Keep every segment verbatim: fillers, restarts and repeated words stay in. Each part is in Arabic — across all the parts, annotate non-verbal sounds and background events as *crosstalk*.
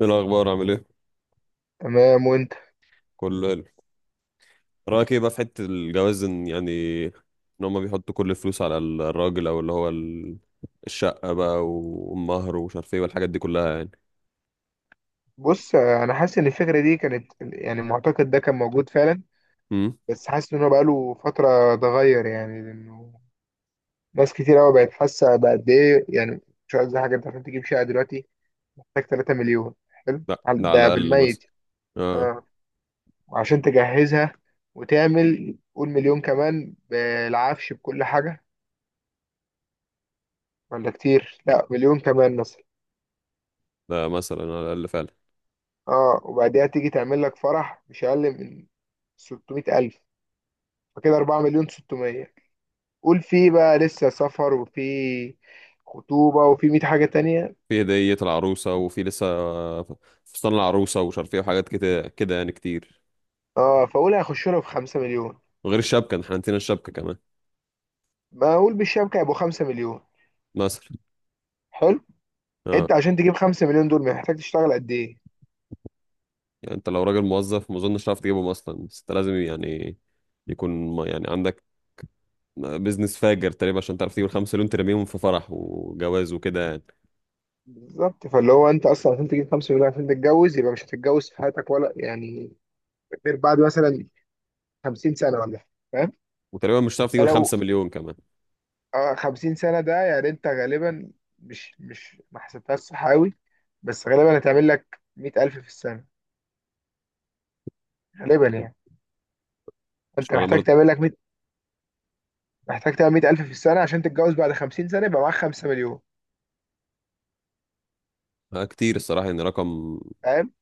ايه الاخبار، عامل ايه؟ تمام وانت؟ كله حلو. رايك ايه بقى في حته الجواز، ان يعني ان هما بيحطوا كل الفلوس على الراجل او اللي هو ال- الشقه بقى والمهر ومش عارف ايه والحاجات دي كلها يعني. بص، انا حاسس ان الفكره دي كانت، يعني، المعتقد ده كان موجود فعلا. امم بس حاسس ان هو بقاله فتره اتغير، يعني، لانه ناس كتير قوي بقت حاسه بقد ايه يعني. مش قصدي حاجه، انت عشان تجيب شقه دلوقتي محتاج ثلاثة مليون. حلو. لا، على- ده على ده الاقل مثلا. بالميت. اه. اه، وعشان تجهزها وتعمل، قول، مليون كمان بالعفش بكل حاجه، ولا كتير، لا، مليون كمان مثلا. ده مثلا على الاقل فعلا. اه، وبعديها تيجي تعمل لك فرح مش اقل من ستمائة ألف، فكده اربعة مليون ستمائة. قول فيه بقى لسه سفر وفي خطوبة وفي مائة حاجة تانية. في هديه العروسه وفي لسه فستان العروسه ومش عارف ايه وحاجات كده كده يعني كتير. اه، فقول هيخش له في خمسة مليون. وغير الشبكه، احنا نسينا الشبكه كمان. ما اقول بالشبكة هيبقوا خمسة مليون. مثلا. حلو. اه. انت عشان تجيب خمسة مليون دول محتاج تشتغل قد ايه؟ يعني انت لو راجل موظف ما اظنش هتعرف تجيبهم اصلا، بس انت لازم يعني يكون ما- يعني عندك بيزنس فاجر تقريبا عشان تعرف تجيب الخمسة مليون ترميهم في فرح وجواز وكده يعني. بالظبط. فاللي هو انت اصلا عشان تجيب خمسة مليون عشان تتجوز يبقى مش هتتجوز في حياتك ولا، يعني، غير بعد، مثلا، خمسين سنة ولا حاجة، فاهم؟ وتقريبا مش هتعرف تجيب ده لو، الخمسة مليون كمان. اه خمسين سنة، ده يعني انت غالبا مش مش ما حسبتهاش صح قوي، بس غالبا هتعمل لك مائة ألف في السنة، غالبا يعني. مش انت انا محتاج برضه. تعمل لك، محتاج تبقى مائة ألف في السنة عشان تتجوز بعد خمسين سنة يبقى معاك خمسة مليون، آه، كتير الصراحة، يعني رقم. فاهم؟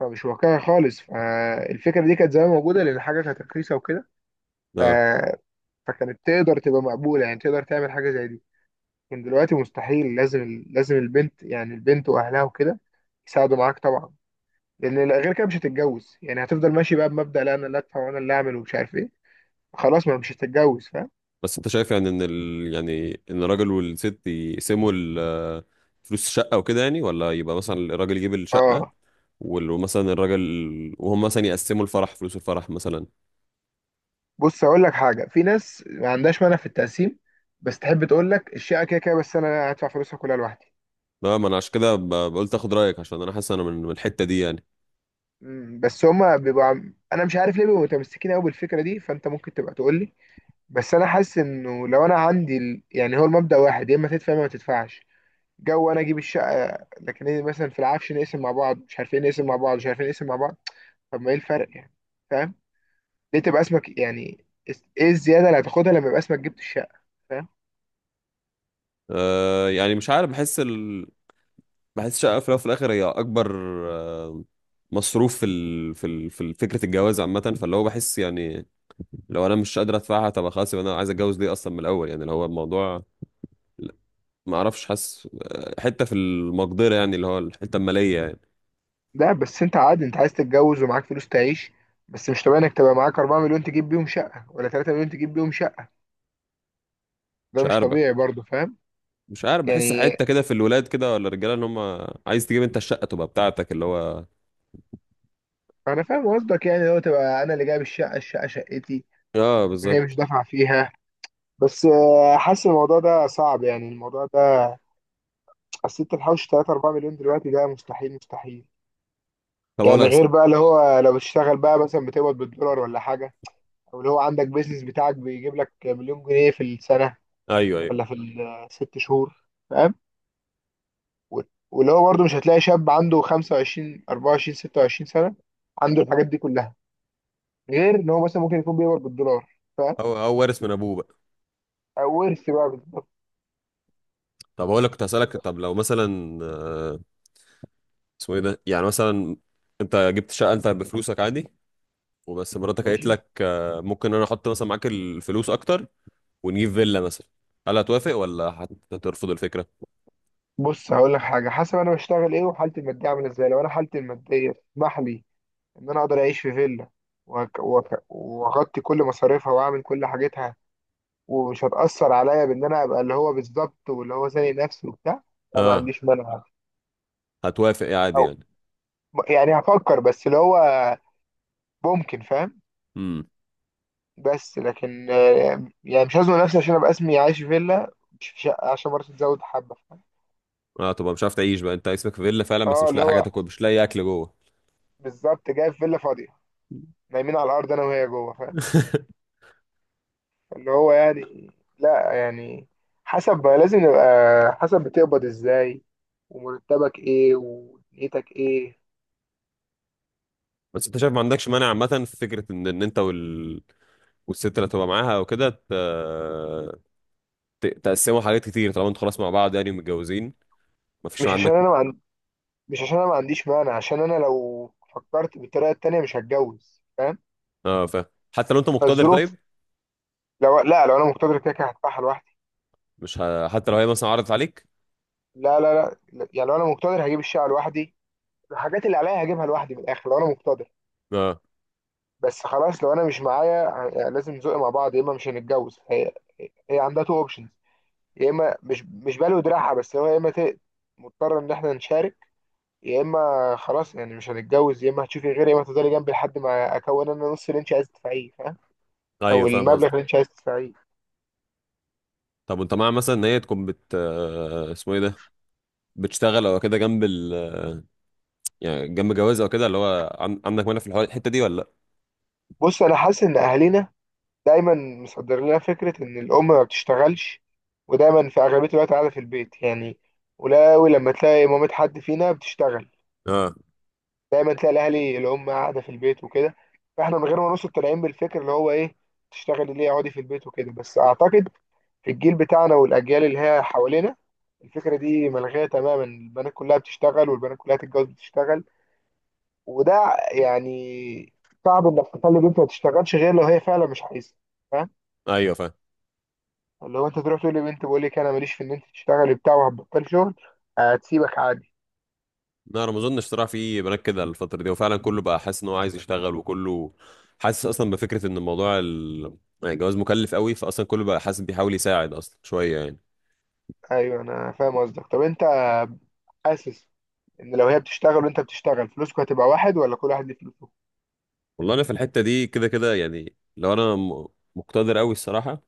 فمش واقعي خالص. فالفكرة دي كانت زمان موجودة لأن الحاجة كانت رخيصة وكده. ف... اه. فكانت تقدر تبقى مقبولة، يعني تقدر تعمل حاجة زي دي. لكن دلوقتي مستحيل. لازم لازم البنت، يعني البنت وأهلها وكده، يساعدوا معاك طبعا. لأن غير كده مش هتتجوز، يعني هتفضل ماشي بقى بمبدأ لا أنا اللي أدفع وأنا اللي أعمل ومش عارف إيه. خلاص، ما مش هتتجوز، فاهم؟ بس انت شايف يعني ان ال... يعني ان الراجل والست يقسموا ال... آه، فلوس الشقة وكده يعني، ولا يبقى مثلا الراجل يجيب الشقة اه. وال- ومثلا الراجل، وهم مثلا يقسموا الفرح، فلوس الفرح مثلا. بص، اقول لك حاجه، في ناس ما عندهاش مانع في التقسيم، بس تحب تقول لك الشقه كده كده بس انا هدفع فلوسها كلها لوحدي. لا، ما انا عشان كده ب- قلت اخد رايك، عشان انا حاسس انا من من الحته دي يعني. مم، بس هما بيبقوا عم- انا مش عارف ليه بيبقوا متمسكين قوي بالفكره دي، فانت ممكن تبقى تقول لي. بس انا حاسس انه لو انا عندي ال... يعني، هو المبدأ واحد، يا اما تدفع يا اما ما تدفعش. جو انا اجيب الشقه لكن، إيه، مثلا في العفش، نقسم مع بعض مش عارفين نقسم مع بعض مش عارفين نقسم مع بعض. طب ما ايه الفرق يعني؟ فاهم؟ ليه تبقى اسمك، يعني ايه الزياده اللي هتاخدها لما يبقى اسمك جبت الشقه؟ فاهم؟ أه، يعني مش عارف، بحس. بحس الشقة في الأول وفي الآخر هي أكبر آه، مصروف في ال... في ال... في ال- فكرة الجواز عامة، فاللي هو بحس يعني لو أنا مش قادر أدفعها، طب خلاص يبقى أنا عايز أتجوز ليه أصلا من الأول، يعني اللي هو الموضوع. لا، ما أعرفش، حاسس آه، حتة في المقدرة، يعني اللي هو الحتة المالية يعني. لا، بس انت عادي، انت عايز تتجوز ومعاك فلوس تعيش. بس مش طبيعي انك تبقى معاك اربعة مليون تجيب بيهم شقة، ولا ثلاثة مليون تجيب بيهم شقة. ده مش مش عارف. طبيعي برضه، فاهم؟ مش عارف، بحس يعني حتة كده في الولاد كده ولا الرجالة، إن هم عايز تجيب أنت الشقة تبقى بتاعتك اللي هو. انا فاهم قصدك، يعني لو تبقى انا اللي جايب الشقة الشقة شقتي، آه هي بالظبط. مش دافعة فيها. بس، آه، حاسس الموضوع ده صعب، يعني الموضوع ده، اصل انت تحوش تلات اربعة مليون دلوقتي، ده مستحيل مستحيل. طب أقول يعني لك. غير بقى اللي هو لو بتشتغل بقى مثلا بتقبض بالدولار ولا حاجة، او اللي هو عندك بيزنس بتاعك بيجيب لك مليون جنيه في السنة أيوه أيوه. ولا في الست شهور. و- واللي هو برضه مش هتلاقي شاب عنده خمسة وعشرين اربعة وعشرين ستة وعشرين سنة عنده الحاجات دي كلها، غير ان هو مثلا ممكن يكون بيقبض بالدولار. هو هو وارث من أبوه بقى. فورث بقى بالظبط. طب أقول لك، كنت هسألك، كده. طب لو مثلا آه، اسمه ايه ده، يعني مثلا انت جبت شقه انت بفلوسك عادي، وبس مراتك قالت ماشي. لك آه، ممكن انا احط مثلا معاك الفلوس اكتر، ونجيب فيلا مثلا، هل هتوافق ولا هت- هترفض الفكره؟ بص، هقول لك حاجة، حسب انا بشتغل ايه وحالتي المادية عاملة ازاي. لو انا حالتي المادية تسمح لي ان انا اقدر اعيش في فيلا، وأك- وأك- واغطي كل مصاريفها واعمل كل حاجتها ومش هتأثر عليا، بان انا ابقى اللي هو بالظبط، واللي هو زي نفسي وبتاع، لا، ما اه. عنديش مانع. هتوافق يا عادي او، يعني؟ يعني، هفكر، بس اللي هو ممكن، فاهم؟ امم بس لكن، آه، يعني مش هزنق نفسي عشان ابقى اسمي عايش في فيلا مش في شقه، عشان برضه تزود حبه، فاهم؟ اه طبعا، مش عارف تعيش بقى انت اسمك في فيلا فعلا بس اه، مش اللي لاقي حاجه هو تاكل، مش لاقي اكل جوه. بالظبط، جاي في فيلا فاضيه، نايمين على الارض انا وهي جوه، فاهم؟ *laughs* اللي هو يعني، لا يعني، حسب، لازم نبقى، حسب بتقبض ازاي، ومرتبك ايه، ودنيتك ايه. بس انت شايف ما عندكش مانع عامه في فكره ان ان انت وال... والست اللي هتبقى معاها وكده ت... ت... تقسموا حاجات كتير، طالما انتوا خلاص مع بعض يعني ومتجوزين، ما فيش مش عشان عندك. انا ما عن... مش عشان انا ما عنديش مانع، عشان انا لو فكرت بالطريقه التانيه مش هتجوز، فاهم؟ اه فاهم. حتى لو انت مقتدر فالظروف، طيب؟ لو لا لو انا مقتدر كده كده هدفعها لوحدي. مش ه... حتى لو هي مثلا عرضت عليك. لا، لا، لا، لا، يعني لو انا مقتدر هجيب الشقه لوحدي، الحاجات اللي عليا هجيبها لوحدي من الاخر، لو انا مقتدر. اه. بس خلاص لو انا مش معايا، يعني لازم نزق مع بعض، يا اما مش هنتجوز. هي هي عندها تو اوبشنز، يا اما مش مش بالو دراعها، بس هو يا اما ت- مضطر ان احنا نشارك، يا اما خلاص يعني مش هنتجوز، يا اما هتشوفي غيري، يا اما هتفضلي جنبي لحد ما اكون انا نص اللي انت عايز تدفعيه، فاهم؟ ايوه او فاهم المبلغ اللي قصدك. انت عايز تدفعيه. طب وانت مع مثلا ان هي تكون بت آه، اسمه ايه ده، بتشتغل او كده جنب ال، يعني جنب جواز او كده، اللي هو عن... عندك مانع في الحوار الحته دي ولا لا؟ بص، انا حاسس ان اهالينا دايما مصدر لنا فكره ان الام ما بتشتغلش، ودايما في اغلبيه الوقت قاعده في البيت يعني. ولا أوي لما تلاقي مامة حد فينا بتشتغل. اه. دايما تلاقي الاهلي الام قاعده في البيت وكده. فاحنا من غير ما نوصل طالعين بالفكر اللي هو ايه، تشتغلي ليه، اقعدي في البيت وكده. بس اعتقد في الجيل بتاعنا والاجيال اللي هي حوالينا الفكره دي ملغيه تماما. البنات كلها بتشتغل، والبنات كلها تتجوز بتشتغل. وده يعني صعب انك تخلي بنت ما تشتغلش غير لو هي فعلا مش عايزه، فاهم؟ ايوه فاهم. اللي هو انت تروح تقول لبنت بقول لك انا ماليش في ان انت تشتغلي بتاع، وهتبطلي شغل، هتسيبك عادي. لا، انا ما اظنش صراحه في بنات كده الفتره دي، وفعلا كله بقى حاسس ان هو عايز يشتغل، وكله حاسس اصلا بفكره ان الموضوع ال... يعني الجواز مكلف قوي، فاصلا كله بقى حاسس بيحاول يساعد اصلا شويه يعني. ايوه، انا فاهم قصدك. طب انت حاسس ان لو هي بتشتغل وانت بتشتغل، فلوسكوا هتبقى واحد، ولا كل واحد ليه فلوسه؟ والله انا في الحته دي كده كده يعني، لو انا م- مقتدر قوي الصراحه،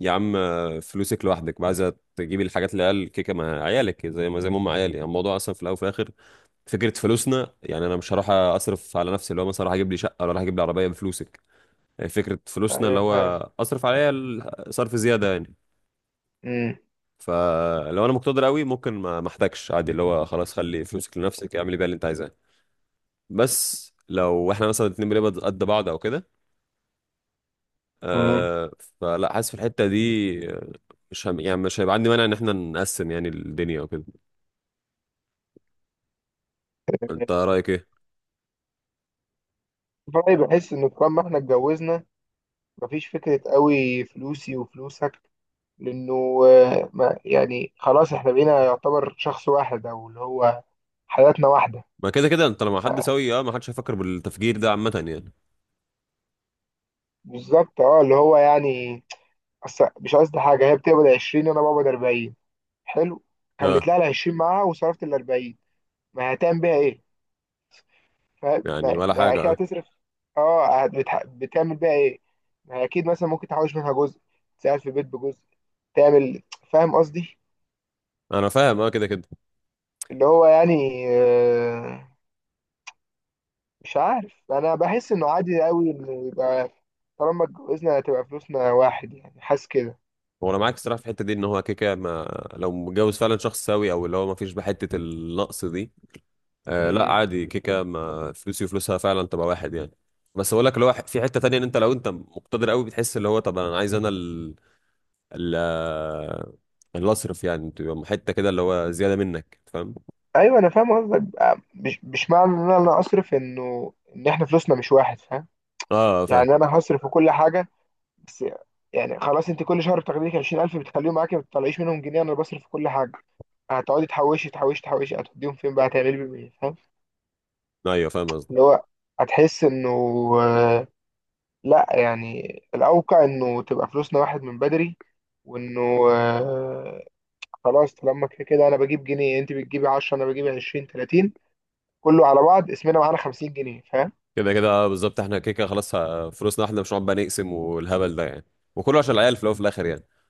يا عم، فلوسك لوحدك بقى، عايزه تجيبي الحاجات اللي قال كيكه مع عيالك زي ما زي ما هم عيالي، يعني الموضوع اصلا في الاول وفي الاخر فكره فلوسنا، يعني انا مش هروح اصرف على نفسي اللي هو مثلا راح اجيب لي شقه ولا راح اجيب لي عربيه بفلوسك، يعني فكره فلوسنا اللي ايوه، هو فاهم. اصرف عليا ال- صرف زياده يعني. امم فلو انا مقتدر قوي، ممكن ما ما احتاجش عادي، اللي هو خلاص خلي فلوسك لنفسك، اعملي بيها اللي انت عايزاه. بس لو احنا مثلا اتنين بنقبض قد بعض او كده، امم آه، فلا حاسس في الحته دي آه، مش هم، يعني مش هيبقى عندي مانع ان احنا نقسم يعني الدنيا وكده. انت رايك ايه؟ فأنا بحس ان طالما احنا اتجوزنا مفيش فكره قوي فلوسي وفلوسك، لانه، آه، ما يعني خلاص احنا بقينا يعتبر شخص واحد، او اللي هو حياتنا واحده. ما كده كده انت لما حد سوي، اه ما حدش هيفكر بالتفجير ده عامه يعني. بالظبط، اه، اللي هو يعني أصل، مش قصدي حاجه، هي بتقبض عشرين وانا بقبض اربعين. حلو. خليت اه. لها ال عشرين معاها وصرفت ال اربعين، ما هتعمل بيها ايه؟ فاهم؟ يعني ما ولا ما حاجه، اكيد اه. هتصرف. اه، بتح... بتعمل بقى ايه؟ ما اكيد مثلا ممكن تحوش منها جزء، تساعد في البيت بجزء، تعمل، فاهم قصدي؟ انا فاهم، اه كده كده. اللي هو يعني، آه، مش عارف، انا بحس انه عادي قوي انه يبقى، طالما اتجوزنا هتبقى فلوسنا واحد يعني، حاسس كده. هو انا معاك الصراحه في الحته دي، ان هو كده كده، ما لو متجوز فعلا شخص سوي او اللي هو ما فيش بحته النقص دي، آه لا مم. عادي، كده كده ما فلوسي وفلوسها فعلا تبقى واحد يعني. بس اقول لك اللي هو في حته تانية، ان انت لو انت مقتدر قوي بتحس اللي هو طب انا عايز انا ال ال آه، اللي اصرف يعني تبقى حته كده اللي هو زياده منك، فاهم؟ ايوه، انا فاهم قصدك. آه، مش مش معنى ان انا اصرف انه ان احنا فلوسنا مش واحد، فاهم؟ اه فاهم. يعني انا هصرف في كل حاجه. بس يعني خلاص، انت كل شهر بتاخدي لك عشرين الف بتخليهم معاكي ما بتطلعيش منهم جنيه، انا بصرف في كل حاجه، هتقعدي تحوشي تحوشي تحوشي، هتوديهم فين بقى؟ هتعملي بيهم ايه؟ فاهم؟ ايوه فاهم. اللي هو هتحس انه، آه، لا يعني الاوقع انه تبقى فلوسنا واحد من بدري، وانه، آه، خلاص طالما كده كده انا بجيب جنيه انت بتجيبي عشرة انا بجيب عشرين تلاتين كله على بعض اسمنا معانا خمسين جنيه، فاهم؟ كده كده بالظبط، احنا كده كده خلاص ه- فلوسنا احنا، مش هنقعد بقى نقسم والهبل ده يعني، وكله عشان العيال في الاول وفي الاخر يعني.